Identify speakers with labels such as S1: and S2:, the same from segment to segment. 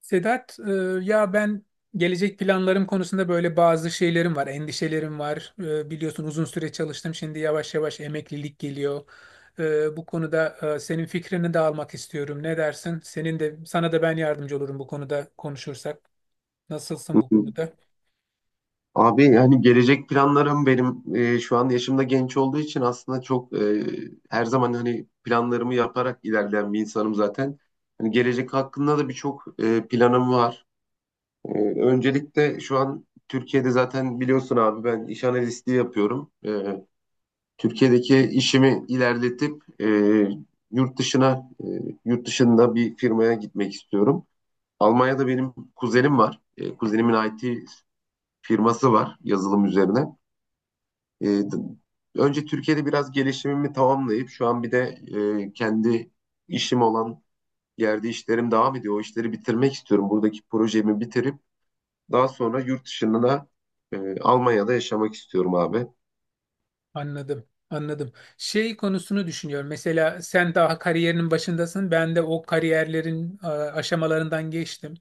S1: Sedat, ya ben gelecek planlarım konusunda böyle bazı şeylerim var, endişelerim var. Biliyorsun uzun süre çalıştım, şimdi yavaş yavaş emeklilik geliyor. Bu konuda senin fikrini de almak istiyorum. Ne dersin? Senin de sana da ben yardımcı olurum bu konuda konuşursak. Nasılsın
S2: Hı
S1: bu
S2: hı.
S1: konuda?
S2: Abi yani gelecek planlarım benim şu an yaşımda genç olduğu için aslında her zaman hani planlarımı yaparak ilerleyen bir insanım zaten. Hani gelecek hakkında da birçok planım var. E, Öncelikle şu an Türkiye'de zaten biliyorsun abi ben iş analistliği yapıyorum. Türkiye'deki işimi ilerletip yurt dışına e, yurt dışında bir firmaya gitmek istiyorum. Almanya'da benim kuzenim var. Kuzenimin IT firması var yazılım üzerine. E, Önce Türkiye'de biraz gelişimimi tamamlayıp şu an bir de kendi işim olan yerde işlerim devam ediyor. O işleri bitirmek istiyorum. Buradaki projemi bitirip daha sonra Almanya'da yaşamak istiyorum abi.
S1: Anladım, anladım. Şey konusunu düşünüyorum. Mesela sen daha kariyerinin başındasın. Ben de o kariyerlerin aşamalarından geçtim.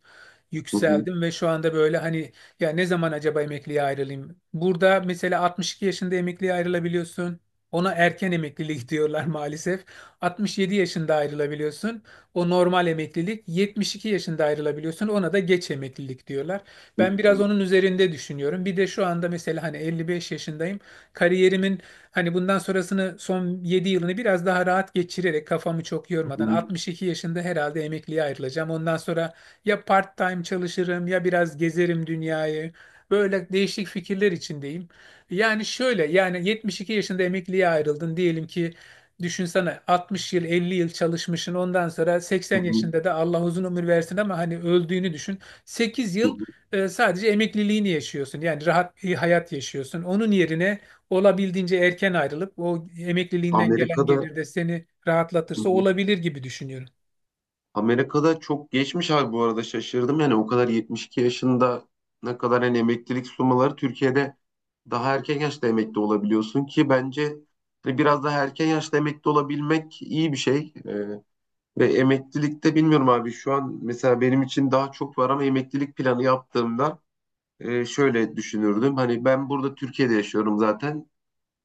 S2: Hı hı.
S1: Yükseldim ve şu anda böyle, hani, ya ne zaman acaba emekliye ayrılayım? Burada mesela 62 yaşında emekliye ayrılabiliyorsun. Ona erken emeklilik diyorlar maalesef. 67 yaşında ayrılabiliyorsun. O normal emeklilik. 72 yaşında ayrılabiliyorsun. Ona da geç emeklilik diyorlar.
S2: Hı
S1: Ben biraz
S2: hı.
S1: onun üzerinde düşünüyorum. Bir de şu anda mesela hani 55 yaşındayım. Kariyerimin Hani bundan sonrasını son 7 yılını biraz daha rahat geçirerek kafamı çok
S2: Hı
S1: yormadan
S2: hı.
S1: 62 yaşında herhalde emekliye ayrılacağım. Ondan sonra ya part-time çalışırım ya biraz gezerim dünyayı. Böyle değişik fikirler içindeyim. Yani şöyle, yani 72 yaşında emekliye ayrıldın diyelim ki, düşünsene 60 yıl, 50 yıl çalışmışsın, ondan sonra
S2: Hı
S1: 80
S2: hı.
S1: yaşında da Allah uzun ömür versin ama hani öldüğünü düşün. 8
S2: Hı
S1: yıl
S2: hı.
S1: sadece emekliliğini yaşıyorsun. Yani rahat bir hayat yaşıyorsun. Onun yerine olabildiğince erken ayrılıp o emekliliğinden gelen
S2: Amerika'da
S1: gelir de seni rahatlatırsa olabilir gibi düşünüyorum.
S2: Amerika'da çok geçmiş abi bu arada şaşırdım. Yani o kadar 72 yaşında ne kadar hani emeklilik sumaları Türkiye'de daha erken yaşta emekli olabiliyorsun ki bence hani biraz daha erken yaşta emekli olabilmek iyi bir şey. Ve emeklilikte bilmiyorum abi şu an mesela benim için daha çok var ama emeklilik planı yaptığımda şöyle düşünürdüm. Hani ben burada Türkiye'de yaşıyorum zaten.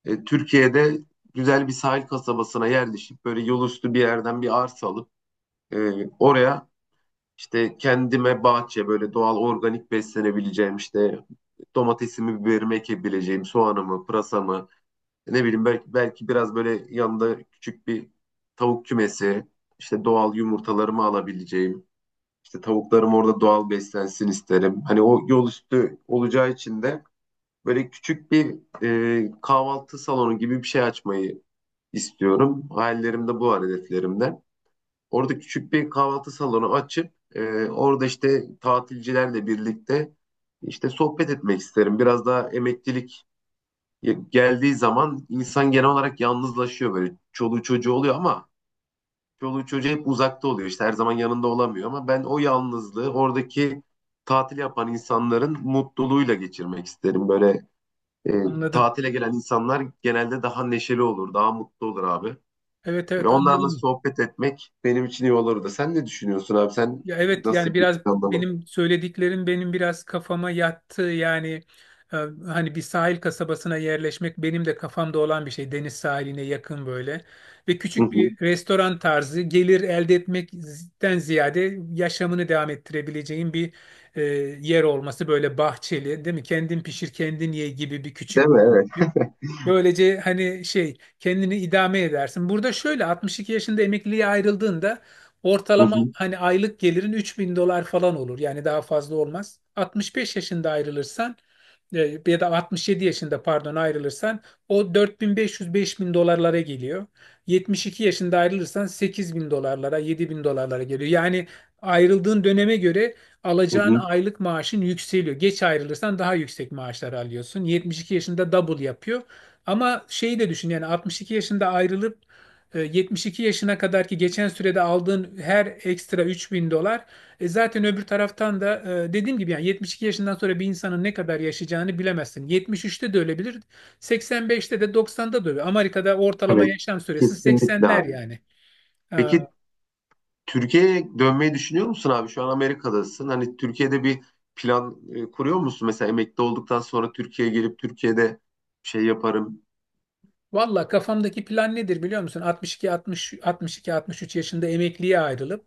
S2: Türkiye'de güzel bir sahil kasabasına yerleşip böyle yolüstü bir yerden bir arsa alıp e, oraya işte kendime bahçe böyle doğal organik beslenebileceğim, işte domatesimi, biberimi ekebileceğim, soğanımı, pırasamı, ne bileyim belki, belki biraz böyle yanında küçük bir tavuk kümesi, işte doğal yumurtalarımı alabileceğim, işte tavuklarım orada doğal beslensin isterim. Hani o yol üstü olacağı için de böyle küçük bir kahvaltı salonu gibi bir şey açmayı istiyorum. Hayallerim de bu var hedeflerimde. Orada küçük bir kahvaltı salonu açıp orada işte tatilcilerle birlikte işte sohbet etmek isterim. Biraz daha emeklilik geldiği zaman insan genel olarak yalnızlaşıyor böyle. Çoluğu çocuğu oluyor ama çoluğu çocuğu hep uzakta oluyor. İşte her zaman yanında olamıyor ama ben o yalnızlığı oradaki tatil yapan insanların mutluluğuyla geçirmek isterim. E,
S1: Anladım.
S2: Tatile gelen insanlar genelde daha neşeli olur, daha mutlu olur abi.
S1: Evet
S2: Böyle
S1: evet
S2: onlarla
S1: anladım.
S2: sohbet etmek benim için iyi olurdu. Sen ne düşünüyorsun abi? Sen
S1: Ya evet, yani
S2: nasıl bir
S1: biraz
S2: planlama?
S1: benim söylediklerim benim biraz kafama yattı. Yani e, hani bir sahil kasabasına yerleşmek benim de kafamda olan bir şey. Deniz sahiline yakın böyle. Ve
S2: Hı
S1: küçük
S2: hı.
S1: bir restoran tarzı gelir elde etmekten ziyade yaşamını devam ettirebileceğin bir e, yer olması, böyle bahçeli, değil mi? Kendin pişir kendin ye gibi bir küçük.
S2: Değil mi? Evet.
S1: Böylece hani şey kendini idame edersin. Burada şöyle 62 yaşında emekliliğe ayrıldığında
S2: Hı
S1: ortalama
S2: hı.
S1: hani aylık gelirin 3.000 dolar falan olur. Yani daha fazla olmaz. 65 yaşında ayrılırsan ya da 67 yaşında, pardon, ayrılırsan o 4500-5000 dolarlara geliyor. 72 yaşında ayrılırsan 8000 dolarlara, 7000 dolarlara geliyor. Yani ayrıldığın döneme göre
S2: Hı
S1: alacağın
S2: hı.
S1: aylık maaşın yükseliyor. Geç ayrılırsan daha yüksek maaşlar alıyorsun. 72 yaşında double yapıyor. Ama şeyi de düşün, yani 62 yaşında ayrılıp 72 yaşına kadar ki geçen sürede aldığın her ekstra 3000 dolar zaten, öbür taraftan da dediğim gibi, yani 72 yaşından sonra bir insanın ne kadar yaşayacağını bilemezsin. 73'te de ölebilir, 85'te de 90'da da ölebilir. Amerika'da ortalama
S2: Evet.
S1: yaşam süresi
S2: Kesinlikle
S1: 80'ler
S2: abi.
S1: yani. E,
S2: Peki, Türkiye'ye dönmeyi düşünüyor musun abi? Şu an Amerika'dasın. Hani Türkiye'de bir plan kuruyor musun? Mesela emekli olduktan sonra Türkiye'ye gelip Türkiye'de şey yaparım.
S1: Valla kafamdaki plan nedir biliyor musun? 62, 60, 62, 63 yaşında emekliye ayrılıp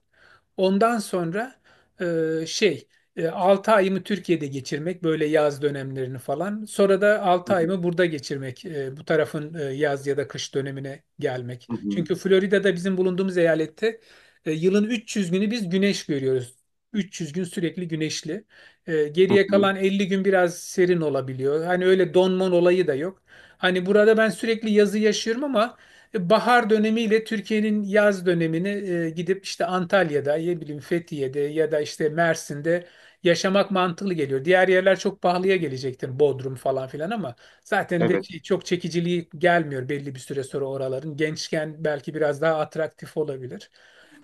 S1: ondan sonra e, şey 6 ayımı Türkiye'de geçirmek, böyle yaz dönemlerini falan. Sonra da
S2: Hı
S1: altı
S2: hı.
S1: ayımı burada geçirmek, bu tarafın yaz ya da kış dönemine gelmek.
S2: Hı hı.
S1: Çünkü Florida'da bizim bulunduğumuz eyalette yılın 300 günü biz güneş görüyoruz. 300 gün sürekli güneşli.
S2: Hı
S1: Geriye
S2: hı.
S1: kalan 50 gün biraz serin olabiliyor. Hani öyle donman olayı da yok. Hani burada ben sürekli yazı yaşıyorum ama bahar dönemiyle Türkiye'nin yaz dönemini gidip işte Antalya'da, ya bileyim, Fethiye'de ya da işte Mersin'de yaşamak mantıklı geliyor. Diğer yerler çok pahalıya gelecektir, Bodrum falan filan, ama zaten de şey,
S2: Evet.
S1: çok çekiciliği gelmiyor belli bir süre sonra oraların. Gençken belki biraz daha atraktif olabilir.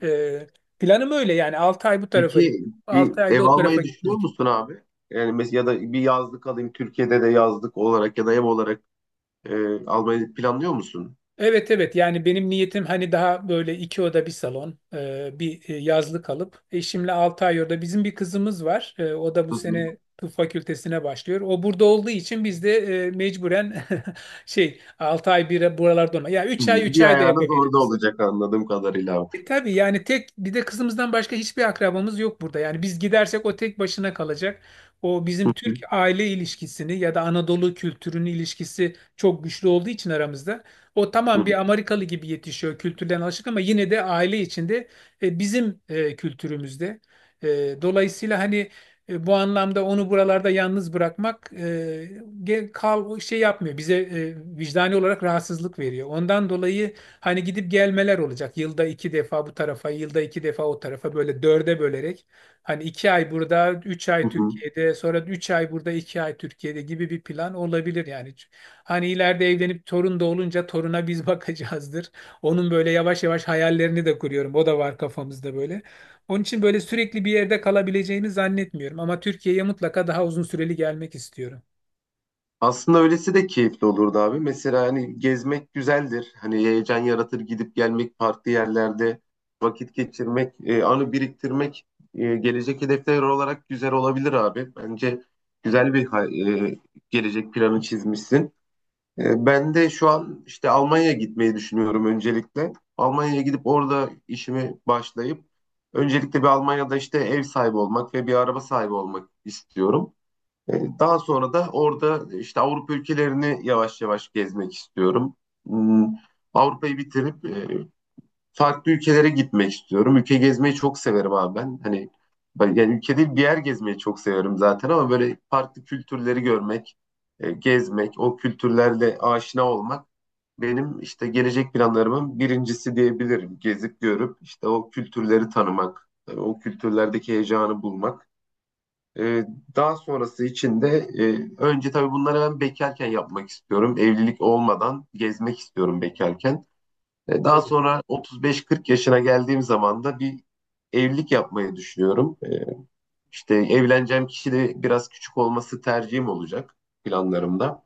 S1: E, Planım öyle yani, 6 ay bu tarafa,
S2: Peki, bir
S1: 6
S2: ev
S1: ayda o tarafa
S2: almayı düşünüyor
S1: gitmek.
S2: musun abi? Yani mesela ya da bir yazlık alayım Türkiye'de de yazlık olarak ya da ev olarak. Almayı planlıyor musun?
S1: Evet evet, yani benim niyetim hani daha böyle iki oda bir salon bir yazlık alıp eşimle 6 ay orada, bizim bir kızımız var. O da bu
S2: Hı hı.
S1: sene tıp fakültesine başlıyor, o burada olduğu için biz de mecburen şey 6 ay bir buralarda olma, ya
S2: Hı.
S1: üç ay 3
S2: Bir
S1: ay da
S2: ayağınız orada
S1: yapabiliriz.
S2: olacak anladığım kadarıyla abi.
S1: Tabii, yani tek bir de kızımızdan başka hiçbir akrabamız yok burada. Yani biz gidersek o tek başına kalacak. O, bizim
S2: Hı
S1: Türk
S2: hı.
S1: aile ilişkisini ya da Anadolu kültürünün ilişkisi çok güçlü olduğu için aramızda. O,
S2: Hı
S1: tamam,
S2: hı.
S1: bir Amerikalı gibi yetişiyor, kültürden alışık, ama yine de aile içinde bizim kültürümüzde. E, Dolayısıyla hani bu anlamda onu buralarda yalnız bırakmak e, ge- kal şey yapmıyor. Bize vicdani olarak rahatsızlık veriyor. Ondan dolayı hani gidip gelmeler olacak. Yılda iki defa bu tarafa, yılda iki defa o tarafa, böyle dörde bölerek. Hani 2 ay burada, üç
S2: Hı
S1: ay
S2: hı.
S1: Türkiye'de, sonra 3 ay burada, 2 ay Türkiye'de gibi bir plan olabilir yani. Hani ileride evlenip torun da olunca toruna biz bakacağızdır. Onun böyle yavaş yavaş hayallerini de kuruyorum. O da var kafamızda böyle. Onun için böyle sürekli bir yerde kalabileceğimi zannetmiyorum. Ama Türkiye'ye mutlaka daha uzun süreli gelmek istiyorum.
S2: Aslında öylesi de keyifli olurdu abi. Mesela hani gezmek güzeldir. Hani heyecan yaratır gidip gelmek farklı yerlerde vakit geçirmek, anı biriktirmek, gelecek hedefler olarak güzel olabilir abi. Bence güzel bir e, gelecek planı çizmişsin. Ben de şu an işte Almanya'ya gitmeyi düşünüyorum öncelikle. Almanya'ya gidip orada işimi başlayıp öncelikle bir Almanya'da işte ev sahibi olmak ve bir araba sahibi olmak istiyorum. E, Daha sonra da orada işte Avrupa ülkelerini yavaş yavaş gezmek istiyorum. Hmm, Avrupa'yı bitirip farklı ülkelere gitmek istiyorum. Ülke gezmeyi çok severim abi ben. Hani yani ülke değil bir yer gezmeyi çok severim zaten ama böyle farklı kültürleri görmek, gezmek, o kültürlerle aşina olmak benim işte gelecek planlarımın birincisi diyebilirim. Gezip görüp işte o kültürleri tanımak, o kültürlerdeki heyecanı bulmak. E, Daha sonrası için de önce tabii bunları ben bekarken yapmak istiyorum. Evlilik olmadan gezmek istiyorum bekarken. Daha
S1: Evet,
S2: sonra 35-40 yaşına geldiğim zaman da bir evlilik yapmayı düşünüyorum. İşte evleneceğim kişi de biraz küçük olması tercihim olacak planlarımda.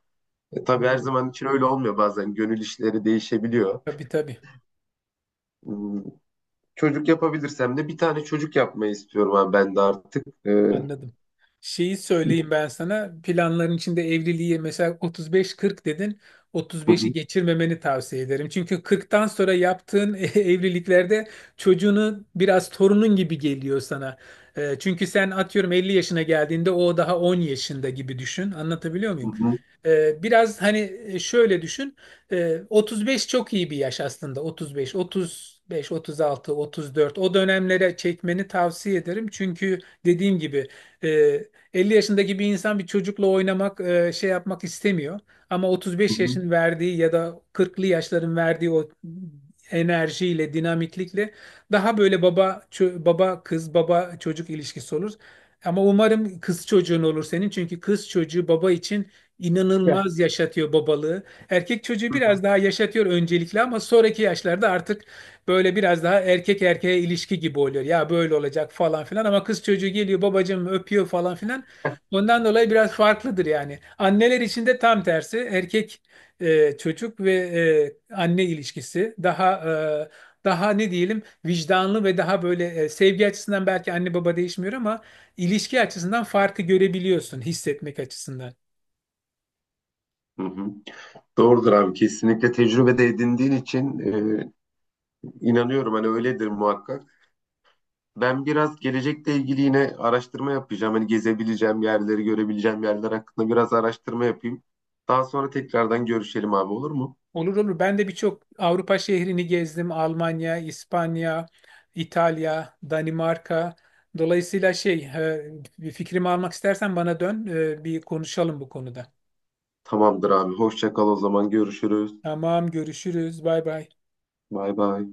S2: Tabii her
S1: anladım.
S2: zaman için öyle olmuyor. Bazen gönül işleri değişebiliyor.
S1: Tabii tabii.
S2: Hmm, Çocuk yapabilirsem de bir tane çocuk yapmayı istiyorum abi ben de artık.
S1: Anladım. Şeyi söyleyeyim ben sana. Planların içinde evliliği mesela 35-40 dedin. 35'i
S2: Hı,
S1: geçirmemeni tavsiye ederim. Çünkü 40'tan sonra yaptığın evliliklerde çocuğunu biraz torunun gibi geliyor sana. Çünkü sen, atıyorum, 50 yaşına geldiğinde o daha 10 yaşında gibi düşün. Anlatabiliyor
S2: hı
S1: muyum?
S2: hı,
S1: Biraz hani şöyle düşün. 35 çok iyi bir yaş aslında. 35, 35, 36, 34, o dönemlere çekmeni tavsiye ederim. Çünkü dediğim gibi e, 50 yaşındaki bir insan bir çocukla oynamak, şey yapmak istemiyor. Ama
S2: hı
S1: 35
S2: hı,
S1: yaşın verdiği ya da 40'lı yaşların verdiği o enerjiyle, dinamiklikle, daha böyle baba kız, baba çocuk ilişkisi olur. Ama umarım kız çocuğun olur senin, çünkü kız çocuğu baba için
S2: Ya,
S1: inanılmaz yaşatıyor babalığı. Erkek çocuğu
S2: hı hı.
S1: biraz daha yaşatıyor öncelikle, ama sonraki yaşlarda artık böyle biraz daha erkek erkeğe ilişki gibi oluyor. Ya böyle olacak falan filan, ama kız çocuğu geliyor, babacığım, öpüyor falan filan. Ondan dolayı biraz farklıdır yani. Anneler için de tam tersi, erkek çocuk ve anne ilişkisi daha, ne diyelim, vicdanlı ve daha böyle, sevgi açısından belki anne baba değişmiyor ama ilişki açısından farkı görebiliyorsun, hissetmek açısından.
S2: Hı hı. Doğrudur abi, kesinlikle tecrübe de edindiğin için inanıyorum hani öyledir muhakkak. Ben biraz gelecekle ilgili yine araştırma yapacağım. Hani gezebileceğim yerleri, görebileceğim yerler hakkında biraz araştırma yapayım. Daha sonra tekrardan görüşelim abi, olur mu?
S1: Olur olur. Ben de birçok Avrupa şehrini gezdim. Almanya, İspanya, İtalya, Danimarka. Dolayısıyla şey, bir fikrimi almak istersen bana dön, bir konuşalım bu konuda.
S2: Tamamdır abi. Hoşça kal o zaman. Görüşürüz.
S1: Tamam, görüşürüz. Bay bay.
S2: Bay bay.